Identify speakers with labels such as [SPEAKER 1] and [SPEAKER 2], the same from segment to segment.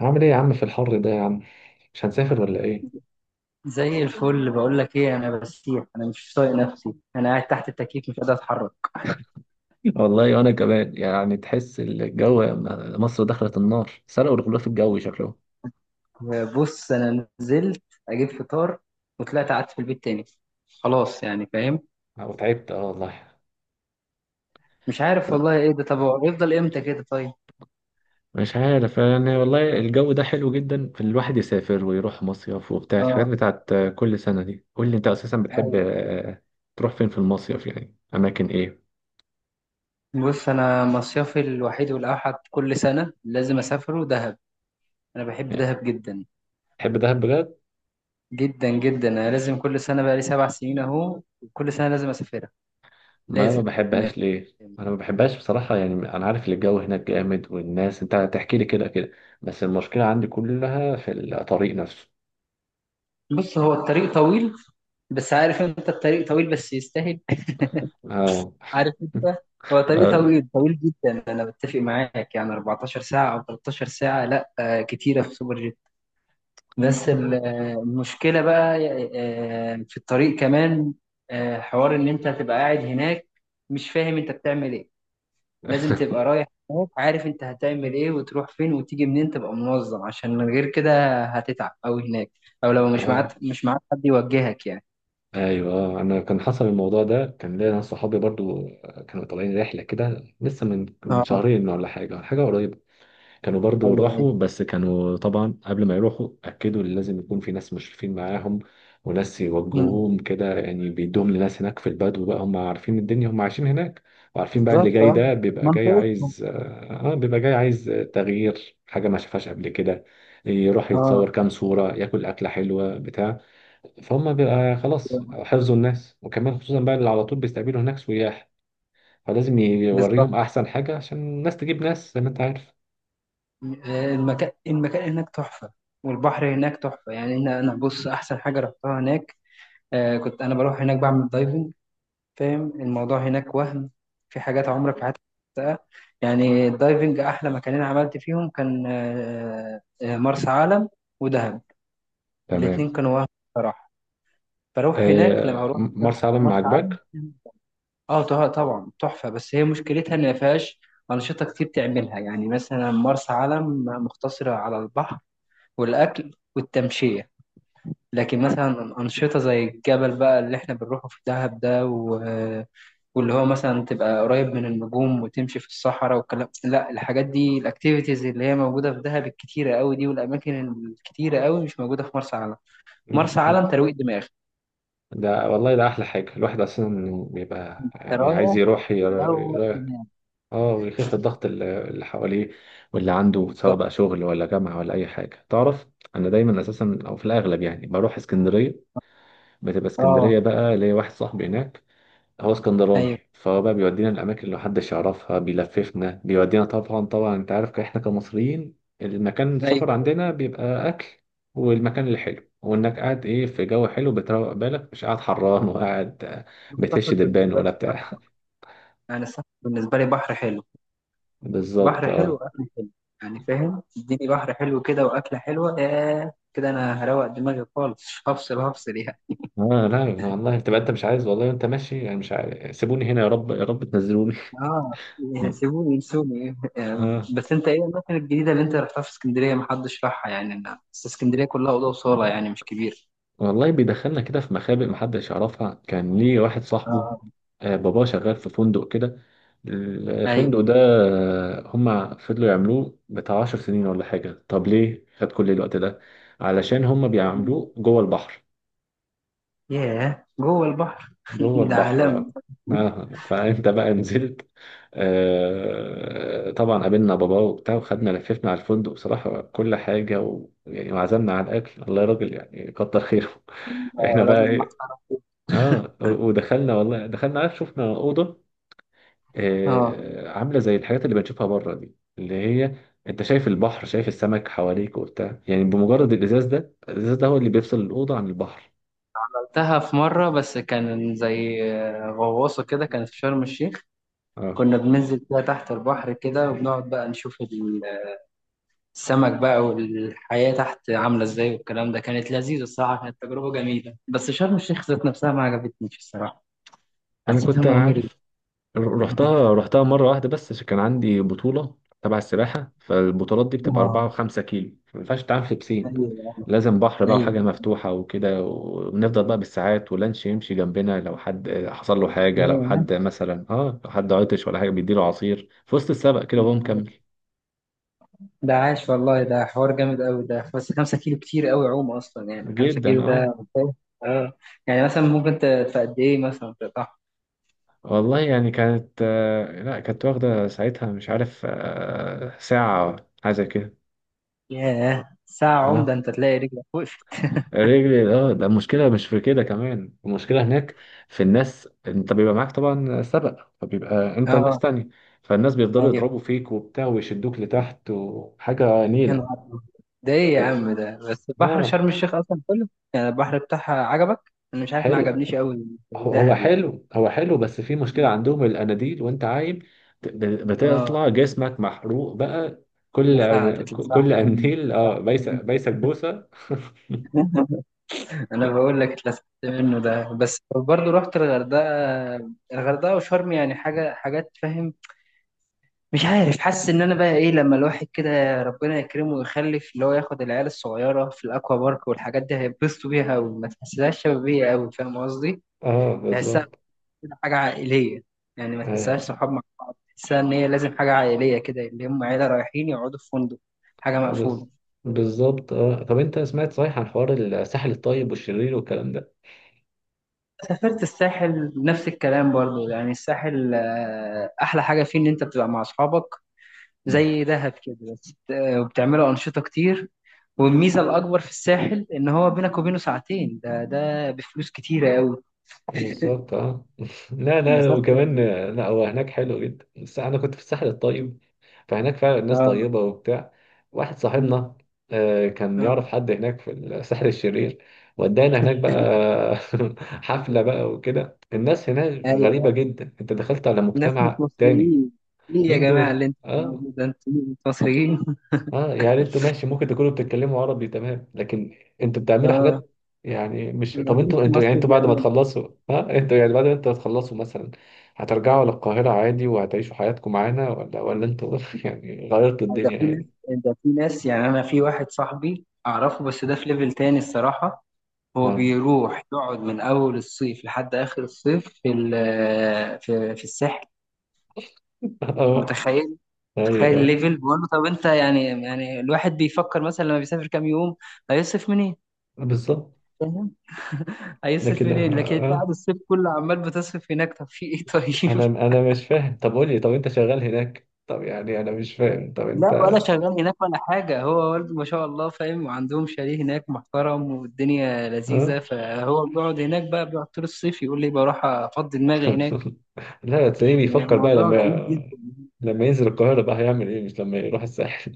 [SPEAKER 1] هعمل ايه يا عم في الحر ده يا عم؟ مش هنسافر ولا ايه؟
[SPEAKER 2] زي الفل، بقول لك ايه، انا بسيح. انا مش طايق نفسي. انا قاعد تحت التكييف مش قادر اتحرك.
[SPEAKER 1] والله وانا كمان يعني تحس الجو. مصر دخلت النار، سرقوا الغلاف الجوي شكله.
[SPEAKER 2] بص، انا نزلت اجيب فطار وطلعت قعدت في البيت تاني. خلاص، يعني فاهم.
[SPEAKER 1] انا تعبت، اه والله.
[SPEAKER 2] مش عارف والله ايه ده. طب هو يفضل امتى كده؟ طيب.
[SPEAKER 1] مش عارف يعني، والله الجو ده حلو جدا في الواحد يسافر ويروح مصيف وبتاع الحاجات
[SPEAKER 2] اه.
[SPEAKER 1] بتاعت كل سنة دي. قول لي، انت اساسا بتحب،
[SPEAKER 2] ايوه.
[SPEAKER 1] تروح فين في المصيف؟ يعني اماكن ايه؟
[SPEAKER 2] بص، انا مصيفي الوحيد والاوحد كل سنه لازم اسافره دهب. انا بحب
[SPEAKER 1] يعني
[SPEAKER 2] دهب جدا
[SPEAKER 1] تحب دهب بجد؟
[SPEAKER 2] جدا. جدا انا لازم كل سنه بقى لي 7 سنين اهو، كل سنه لازم اسافرها.
[SPEAKER 1] ما انا ما
[SPEAKER 2] لازم.
[SPEAKER 1] بحبهاش، ليه انا ما بحبهاش بصراحه يعني، انا عارف ان الجو هناك جامد والناس، انت هتحكي لي كده كده. بس المشكله عندي كلها في الطريق نفسه.
[SPEAKER 2] بص، هو الطريق طويل، بس عارف انت الطريق طويل بس يستاهل.
[SPEAKER 1] اه.
[SPEAKER 2] عارف انت. هو طريق
[SPEAKER 1] اه.
[SPEAKER 2] طويل طويل جدا، انا بتفق معاك. يعني 14 ساعة او 13 ساعة، لا كتيرة في سوبر جيت. بس المشكلة بقى في الطريق كمان. حوار ان انت هتبقى قاعد هناك مش فاهم انت بتعمل ايه. لازم تبقى رايح هناك عارف انت هتعمل ايه وتروح فين وتيجي منين، تبقى منظم عشان من غير كده هتتعب اوي هناك. او لو مش معاك
[SPEAKER 1] آه.
[SPEAKER 2] مش معاك حد يوجهك يعني.
[SPEAKER 1] ايوه، آه. انا كان حصل الموضوع ده، كان ليا ناس صحابي برضو كانوا طالعين رحله كده لسه من
[SPEAKER 2] اه.
[SPEAKER 1] شهرين ولا حاجه قريبه. كانوا برضو
[SPEAKER 2] ايوه ايوه.
[SPEAKER 1] راحوا، بس كانوا طبعا قبل ما يروحوا أكدوا إن لازم يكون في ناس مشرفين معاهم، وناس
[SPEAKER 2] مم.
[SPEAKER 1] يوجهوهم كده يعني. بيدوهم لناس هناك في البدو بقى، هم عارفين الدنيا، هم عايشين هناك، وعارفين بقى اللي
[SPEAKER 2] بالظبط
[SPEAKER 1] جاي
[SPEAKER 2] اه.
[SPEAKER 1] ده بيبقى جاي
[SPEAKER 2] منطقتهم.
[SPEAKER 1] عايز، تغيير حاجة ما شافهاش قبل كده، يروح
[SPEAKER 2] اه
[SPEAKER 1] يتصور كام صورة، ياكل أكلة حلوة بتاع فهم بيبقى خلاص حفظوا الناس، وكمان خصوصا بقى اللي على طول بيستقبلوا هناك سياح، فلازم
[SPEAKER 2] بالظبط.
[SPEAKER 1] يوريهم أحسن حاجة عشان الناس تجيب ناس زي ما أنت عارف.
[SPEAKER 2] المكان المكان هناك تحفة والبحر هناك تحفة. يعني أنا بص أحسن حاجة رحتها هناك. آه، كنت أنا بروح هناك بعمل دايفنج. فاهم الموضوع هناك. وهم في حاجات عمرك في حياتك ما شفتها. يعني الدايفنج أحلى مكانين عملت فيهم كان مرسى علم ودهب. الاتنين
[SPEAKER 1] تمام.
[SPEAKER 2] كانوا وهم بصراحة. فأروح هناك لما أروح دهب
[SPEAKER 1] مرسى
[SPEAKER 2] أو
[SPEAKER 1] علم ما
[SPEAKER 2] مرسى علم.
[SPEAKER 1] عجبك؟
[SPEAKER 2] اه طبعا تحفه، بس هي مشكلتها ان ما فيهاش انشطه كتير تعملها. يعني مثلا مرسى علم مقتصره على البحر والاكل والتمشيه. لكن مثلا انشطه زي الجبل بقى اللي احنا بنروحه في دهب ده واللي هو مثلا تبقى قريب من النجوم وتمشي في الصحراء والكلام. لا، الحاجات دي، الاكتيفيتيز اللي هي موجوده في دهب الكتيره قوي دي والاماكن الكتيره قوي مش موجوده في مرسى علم.
[SPEAKER 1] م-
[SPEAKER 2] مرسى
[SPEAKER 1] م.
[SPEAKER 2] علم ترويق دماغ.
[SPEAKER 1] ده والله ده احلى حاجه. الواحد اصلا بيبقى
[SPEAKER 2] انت
[SPEAKER 1] يعني عايز
[SPEAKER 2] رايح
[SPEAKER 1] يروح
[SPEAKER 2] تروق دماغك.
[SPEAKER 1] اه، ويخف الضغط اللي حواليه واللي عنده، سواء بقى شغل ولا جامعه ولا اي حاجه. تعرف انا دايما اساسا او في الاغلب يعني بروح اسكندريه. بتبقى
[SPEAKER 2] اه.
[SPEAKER 1] اسكندريه بقى، ليا واحد صاحبي هناك هو اسكندراني،
[SPEAKER 2] ايوه
[SPEAKER 1] فهو بقى بيودينا الاماكن اللي محدش يعرفها، بيلففنا بيودينا. طبعا طبعا انت عارف احنا كمصريين، المكان السفر
[SPEAKER 2] ايوه.
[SPEAKER 1] عندنا بيبقى اكل والمكان الحلو، وانك قاعد ايه في جو حلو بتروق بالك، مش قاعد حران وقاعد،
[SPEAKER 2] السفر
[SPEAKER 1] بتهش دبان
[SPEAKER 2] بالنسبة لي،
[SPEAKER 1] ولا بتاع.
[SPEAKER 2] يعني السفر بالنسبة لي بحر حلو.
[SPEAKER 1] بالظبط،
[SPEAKER 2] بحر حلو
[SPEAKER 1] اه.
[SPEAKER 2] وأكل حلو. يعني فاهم، اديني بحر حلو كده وأكلة حلوة ياه كده أنا هروق دماغي خالص. هفصل هفصل يعني.
[SPEAKER 1] اه لا والله، تبقى انت مش عايز، والله انت ماشي يعني مش عارف، سيبوني هنا يا رب، يا رب تنزلوني.
[SPEAKER 2] آه. سيبوني ينسوني يعني.
[SPEAKER 1] اه
[SPEAKER 2] بس أنت إيه الأماكن الجديدة اللي أنت رحتها في اسكندرية محدش راحها؟ يعني أنا بس اسكندرية كلها أوضة وصالة يعني مش كبير.
[SPEAKER 1] والله بيدخلنا كده في مخابئ محدش يعرفها. كان ليه واحد صاحبه
[SPEAKER 2] آه.
[SPEAKER 1] باباه شغال في فندق كده.
[SPEAKER 2] أيوه.
[SPEAKER 1] الفندق ده، هما فضلوا يعملوه بتاع 10 سنين ولا حاجة. طب ليه خد كل الوقت ده؟ علشان هما بيعملوه جوه البحر.
[SPEAKER 2] ياه، جوه البحر.
[SPEAKER 1] جوه
[SPEAKER 2] ده
[SPEAKER 1] البحر، اه.
[SPEAKER 2] عالم.
[SPEAKER 1] فانت بقى نزلت؟ طبعا، قابلنا باباه وبتاع وخدنا لففنا على الفندق بصراحة كل حاجة يعني وعزمنا على الأكل. الله يا راجل، يعني كتر خيره. احنا بقى
[SPEAKER 2] راجل
[SPEAKER 1] إيه؟ اه ودخلنا والله، دخلنا. عارف، شفنا اوضه
[SPEAKER 2] محترم.
[SPEAKER 1] آه، عامله زي الحاجات اللي بنشوفها بره دي، اللي هي انت شايف البحر، شايف السمك حواليك وبتاع، يعني بمجرد الازاز ده هو اللي بيفصل الاوضه عن البحر.
[SPEAKER 2] رحتها في مرة بس كان زي غواصة كده كانت في شرم الشيخ.
[SPEAKER 1] اه
[SPEAKER 2] كنا بننزل فيها تحت البحر كده وبنقعد بقى نشوف السمك بقى والحياة تحت عاملة ازاي والكلام ده. كانت لذيذة الصراحة، كانت تجربة جميلة. بس شرم الشيخ ذات نفسها ما عجبتنيش الصراحة،
[SPEAKER 1] انا
[SPEAKER 2] حسيتها
[SPEAKER 1] كنت
[SPEAKER 2] مملة.
[SPEAKER 1] عارف. رحتها مرة واحدة بس عشان كان عندي بطولة تبع السباحة. فالبطولات دي بتبقى أربعة
[SPEAKER 2] اه.
[SPEAKER 1] وخمسة كيلو ما ينفعش تتعامل في بسين.
[SPEAKER 2] ايوه
[SPEAKER 1] لازم بحر بقى
[SPEAKER 2] ايوه.
[SPEAKER 1] وحاجة مفتوحة وكده، ونفضل بقى بالساعات ولانش يمشي جنبنا لو حد حصل له حاجة، لو
[SPEAKER 2] ياه،
[SPEAKER 1] حد مثلا، اه، لو حد عطش ولا حاجة بيديله عصير في وسط السبق كده وهو
[SPEAKER 2] ده عاش.
[SPEAKER 1] مكمل.
[SPEAKER 2] ده عاش والله، ده حوار جامد قوي ده. بس 5 كيلو كتير قوي عوم اصلا. يعني 5
[SPEAKER 1] جدا
[SPEAKER 2] كيلو
[SPEAKER 1] اه.
[SPEAKER 2] ده اه. يعني مثلا ممكن في قد ايه مثلا؟
[SPEAKER 1] والله يعني كانت، لا، كانت واخدة ساعتها مش عارف، آه، ساعة أو حاجة زي كده.
[SPEAKER 2] ياه ساعة عمدة،
[SPEAKER 1] اه،
[SPEAKER 2] انت تلاقي رجلك وقفت.
[SPEAKER 1] رجلي، اه. ده المشكله مش في كده كمان، المشكله هناك في الناس. انت بيبقى معاك طبعا سبق، فبيبقى انت وناس
[SPEAKER 2] اه.
[SPEAKER 1] تانية، فالناس بيفضلوا
[SPEAKER 2] ايوه.
[SPEAKER 1] يضربوا فيك وبتاع ويشدوك لتحت وحاجه
[SPEAKER 2] يا
[SPEAKER 1] نيله.
[SPEAKER 2] نهار أبيض. ده ايه يا
[SPEAKER 1] و...
[SPEAKER 2] عم ده؟ بس بحر
[SPEAKER 1] اه
[SPEAKER 2] شرم الشيخ اصلا كله، يعني البحر بتاعها عجبك؟ انا مش عارف ما
[SPEAKER 1] حلو.
[SPEAKER 2] عجبنيش قوي زي
[SPEAKER 1] هو هو
[SPEAKER 2] دهب يعني.
[SPEAKER 1] حلو هو حلو بس في مشكله عندهم، الاناديل وانت عايم
[SPEAKER 2] اه.
[SPEAKER 1] بتطلع جسمك محروق بقى. كل
[SPEAKER 2] اتلسعت، اتلسعت
[SPEAKER 1] كل
[SPEAKER 2] منه،
[SPEAKER 1] انديل،
[SPEAKER 2] اتلسعت
[SPEAKER 1] اه، بيسك
[SPEAKER 2] منه.
[SPEAKER 1] بيسك بوسه.
[SPEAKER 2] انا بقول لك اتلسعت منه ده. بس برضه رحت الغردقة. الغردقة وشرم يعني حاجة، حاجات فاهم. مش عارف، حاسس ان انا بقى ايه لما الواحد كده ربنا يكرمه ويخلف، اللي هو ياخد العيال الصغيره في الاكوا بارك والحاجات دي هيتبسطوا بيها، وما تحسهاش شبابيه قوي فاهم قصدي.
[SPEAKER 1] اه
[SPEAKER 2] تحسها
[SPEAKER 1] بالظبط.
[SPEAKER 2] كده حاجه عائليه. يعني ما
[SPEAKER 1] آه،
[SPEAKER 2] تحسهاش صحاب مع. تحسها ان هي لازم حاجه عائليه كده، اللي هم عيله رايحين يقعدوا في فندق، حاجه
[SPEAKER 1] بس
[SPEAKER 2] مقفوله.
[SPEAKER 1] بالظبط، اه. طب انت سمعت صحيح عن حوار الساحل الطيب والشرير والكلام ده؟
[SPEAKER 2] سافرت الساحل نفس الكلام برضو. يعني الساحل احلى حاجه فيه ان انت بتبقى مع اصحابك
[SPEAKER 1] مم.
[SPEAKER 2] زي دهب كده. بس وبتعملوا انشطه كتير. والميزه الاكبر في الساحل ان هو بينك وبينه ساعتين، ده ده بفلوس كتيره قوي.
[SPEAKER 1] بالظبط، اه. لا لا،
[SPEAKER 2] مسافته
[SPEAKER 1] وكمان
[SPEAKER 2] قريبة.
[SPEAKER 1] لا، هو هناك حلو جدا بس انا كنت في الساحل الطيب، فهناك فعلا الناس
[SPEAKER 2] اه.
[SPEAKER 1] طيبة وبتاع. واحد
[SPEAKER 2] م.
[SPEAKER 1] صاحبنا كان
[SPEAKER 2] آه.
[SPEAKER 1] يعرف حد هناك في الساحل الشرير ودانا هناك بقى. حفلة بقى وكده. الناس هناك غريبة
[SPEAKER 2] ايوه.
[SPEAKER 1] جدا، انت دخلت على
[SPEAKER 2] ناس مش
[SPEAKER 1] مجتمع تاني.
[SPEAKER 2] مصريين، ايه يا
[SPEAKER 1] مين
[SPEAKER 2] جماعه
[SPEAKER 1] دول؟
[SPEAKER 2] اللي انتوا
[SPEAKER 1] اه.
[SPEAKER 2] بتعملوه ده؟ انتوا، أنتوا مصريين.
[SPEAKER 1] اه يعني انتوا ماشي، ممكن تكونوا بتتكلموا عربي تمام، لكن انتوا بتعملوا
[SPEAKER 2] اه.
[SPEAKER 1] حاجات يعني. مش
[SPEAKER 2] م. ما
[SPEAKER 1] طب
[SPEAKER 2] فيش
[SPEAKER 1] انتوا يعني
[SPEAKER 2] مصري
[SPEAKER 1] انتوا بعد ما
[SPEAKER 2] بيعمل ده.
[SPEAKER 1] تخلصوا، ها انتوا يعني بعد ما انتوا هتخلصوا مثلا، هترجعوا للقاهرة عادي وهتعيشوا حياتكم معانا، ولا انتوا يعني غيرتوا
[SPEAKER 2] ده
[SPEAKER 1] الدنيا
[SPEAKER 2] في ناس،
[SPEAKER 1] هنا؟
[SPEAKER 2] ده في ناس يعني. انا في واحد صاحبي اعرفه بس ده في ليفل تاني الصراحه. هو
[SPEAKER 1] اه.
[SPEAKER 2] بيروح يقعد من اول الصيف لحد اخر الصيف في في الساحل.
[SPEAKER 1] اه
[SPEAKER 2] متخيل؟ تخيل
[SPEAKER 1] ايوه، اه
[SPEAKER 2] الليفل، بقول له طب انت يعني، يعني الواحد بيفكر مثلا لما بيسافر كام يوم هيصرف منين.
[SPEAKER 1] بالظبط.
[SPEAKER 2] فاهم. هيصرف
[SPEAKER 1] لكن اه
[SPEAKER 2] منين؟ لكن انت
[SPEAKER 1] اه.
[SPEAKER 2] قاعد الصيف كله عمال بتصرف هناك، طب في ايه طيب؟
[SPEAKER 1] انا انا مش فاهم. طب قول لي، طب انت شغال هناك؟ طب يعني انا مش فاهم، طب انت،
[SPEAKER 2] لا ولا شغال هناك ولا حاجه. هو والده ما شاء الله فاهم، وعندهم شاليه هناك محترم والدنيا لذيذه،
[SPEAKER 1] اه.
[SPEAKER 2] فهو بيقعد هناك بقى، بيقعد طول الصيف، يقول لي بروح افضي دماغي هناك.
[SPEAKER 1] لا، تلاقيه بيفكر بقى
[SPEAKER 2] الموضوع
[SPEAKER 1] لما،
[SPEAKER 2] غريب جدا.
[SPEAKER 1] لما ينزل القاهرة بقى هيعمل إيه؟ مش لما يروح الساحل.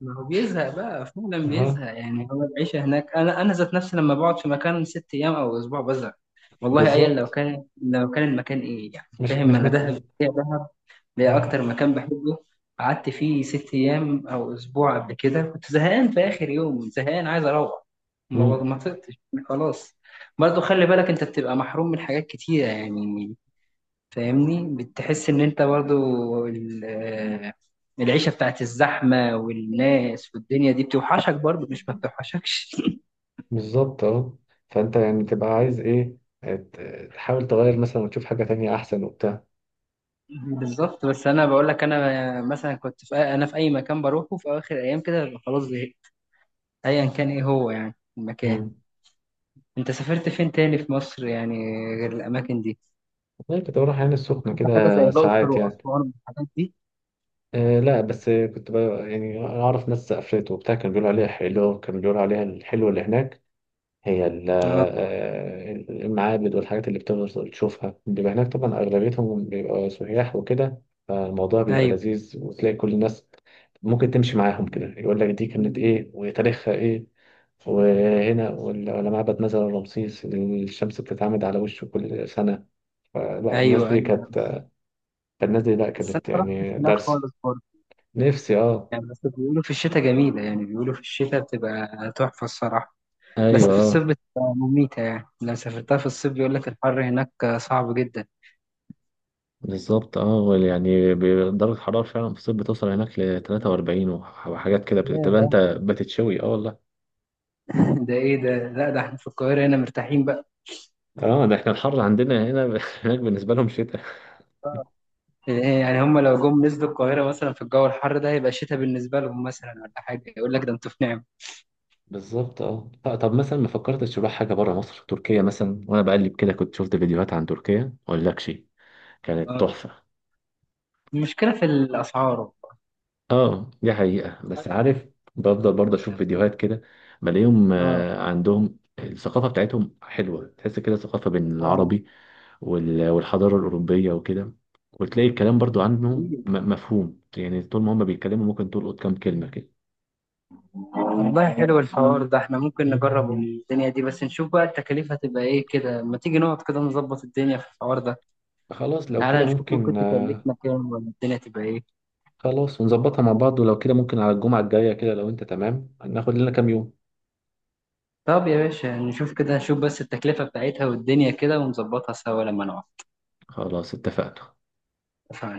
[SPEAKER 2] ما هو بيزهق بقى فعلا
[SPEAKER 1] أها،
[SPEAKER 2] بيزهق. يعني هو العيشة هناك، أنا ذات نفسي لما بقعد في مكان 6 أيام أو أسبوع بزهق. والله أيا لو
[SPEAKER 1] بالظبط.
[SPEAKER 2] كان، لو كان المكان إيه يعني
[SPEAKER 1] مش
[SPEAKER 2] فاهم.
[SPEAKER 1] مش
[SPEAKER 2] أنا دهب ده
[SPEAKER 1] أها.
[SPEAKER 2] أكتر مكان بحبه، قعدت فيه 6 أيام أو أسبوع قبل كده، كنت زهقان في آخر يوم، زهقان عايز أروح، ما
[SPEAKER 1] مم.
[SPEAKER 2] ما طقتش. خلاص. برضه خلي بالك أنت بتبقى محروم من حاجات كتيرة يعني. فاهمني، بتحس ان انت برضو العيشة بتاعت الزحمة والناس والدنيا دي بتوحشك برضو، مش ما بتوحشكش.
[SPEAKER 1] بالظبط، أهو. فأنت يعني تبقى عايز إيه، تحاول تغير مثلا وتشوف حاجة تانية أحسن وبتاع.
[SPEAKER 2] بالظبط. بس انا بقول لك انا مثلا كنت في اي مكان بروحه في اخر ايام كده ببقى خلاص زهقت، ايا كان ايه هو يعني المكان.
[SPEAKER 1] مم.
[SPEAKER 2] انت سافرت فين تاني في مصر يعني، غير الاماكن دي؟
[SPEAKER 1] والله كنت بروح عين السخنة
[SPEAKER 2] سافرت
[SPEAKER 1] كده
[SPEAKER 2] حاجه زي الاقصر
[SPEAKER 1] ساعات يعني.
[SPEAKER 2] واسوان والحاجات دي؟
[SPEAKER 1] آه لا، بس كنت بقى يعني أعرف ناس سافرت وبتاع كانوا بيقولوا عليها حلوة. كانوا بيقولوا عليها الحلوة اللي هناك هي
[SPEAKER 2] اه.
[SPEAKER 1] المعابد والحاجات اللي بتفضل تشوفها. بيبقى هناك طبعا أغلبيتهم بيبقى سياح وكده، فالموضوع بيبقى
[SPEAKER 2] ايوه
[SPEAKER 1] لذيذ، وتلاقي كل الناس ممكن تمشي معاهم كده يقول لك دي كانت إيه وتاريخها إيه وهنا، ولا معبد مثلا رمسيس الشمس بتتعمد على وشه كل سنة. فلا الناس
[SPEAKER 2] ايوه.
[SPEAKER 1] دي
[SPEAKER 2] ايوه.
[SPEAKER 1] كانت، الناس دي لا
[SPEAKER 2] بس انا
[SPEAKER 1] كانت
[SPEAKER 2] ما رحتش
[SPEAKER 1] يعني
[SPEAKER 2] هناك
[SPEAKER 1] درس.
[SPEAKER 2] خالص برضه
[SPEAKER 1] نفسي، اه.
[SPEAKER 2] يعني. بس بيقولوا في الشتاء جميلة. يعني بيقولوا في الشتاء بتبقى تحفة الصراحة، بس في الصيف
[SPEAKER 1] ايوه
[SPEAKER 2] بتبقى مميتة. يعني لو سافرتها في الصيف بيقول لك الحر هناك صعب جدا.
[SPEAKER 1] بالظبط، اه يعني درجة الحرارة فعلا في الصيف بتوصل هناك ل 43 وحاجات كده تبقى
[SPEAKER 2] ياه.
[SPEAKER 1] انت بتتشوي. اه والله.
[SPEAKER 2] ده ايه ده؟ لا ده احنا في القاهرة هنا مرتاحين بقى.
[SPEAKER 1] اه ده احنا الحر عندنا هنا هناك بالنسبة لهم شتاء.
[SPEAKER 2] آه. إيه يعني هم لو جم نزلوا القاهرة مثلا في الجو الحر ده هيبقى شتاء بالنسبة لهم مثلا ولا حاجة، يقول لك ده انتوا في نعمة.
[SPEAKER 1] بالظبط، اه. طب مثلا ما فكرتش تروح حاجة بره مصر؟ تركيا مثلا، وانا بقلب كده كنت شفت فيديوهات عن تركيا ما اقولكش، كانت
[SPEAKER 2] آه.
[SPEAKER 1] تحفة.
[SPEAKER 2] المشكلة في الأسعار، الأسعار
[SPEAKER 1] اه دي حقيقة، بس عارف بفضل برضه اشوف
[SPEAKER 2] بتبقى-
[SPEAKER 1] فيديوهات كده، بلاقيهم
[SPEAKER 2] آه.
[SPEAKER 1] عندهم الثقافة بتاعتهم حلوة، تحس كده ثقافة بين
[SPEAKER 2] آه.
[SPEAKER 1] العربي والحضارة الأوروبية وكده. وتلاقي الكلام برضو عنهم مفهوم يعني، طول ما هم بيتكلموا ممكن تلقط كام كلمة كده.
[SPEAKER 2] والله حلو الحوار ده. احنا ممكن نجرب الدنيا دي بس نشوف بقى التكاليف هتبقى ايه كده. ما تيجي نقعد كده نظبط الدنيا في الحوار ده.
[SPEAKER 1] خلاص لو
[SPEAKER 2] تعالى
[SPEAKER 1] كده
[SPEAKER 2] نشوف
[SPEAKER 1] ممكن،
[SPEAKER 2] ممكن تكلفنا كام ولا الدنيا تبقى ايه.
[SPEAKER 1] خلاص، ونظبطها مع بعض. ولو كده ممكن على الجمعة الجاية كده، لو أنت تمام، ناخد لنا كام يوم.
[SPEAKER 2] طب يا باشا نشوف كده، نشوف بس التكلفة بتاعتها والدنيا كده ونظبطها سوا لما
[SPEAKER 1] خلاص، اتفقنا.
[SPEAKER 2] نقعد.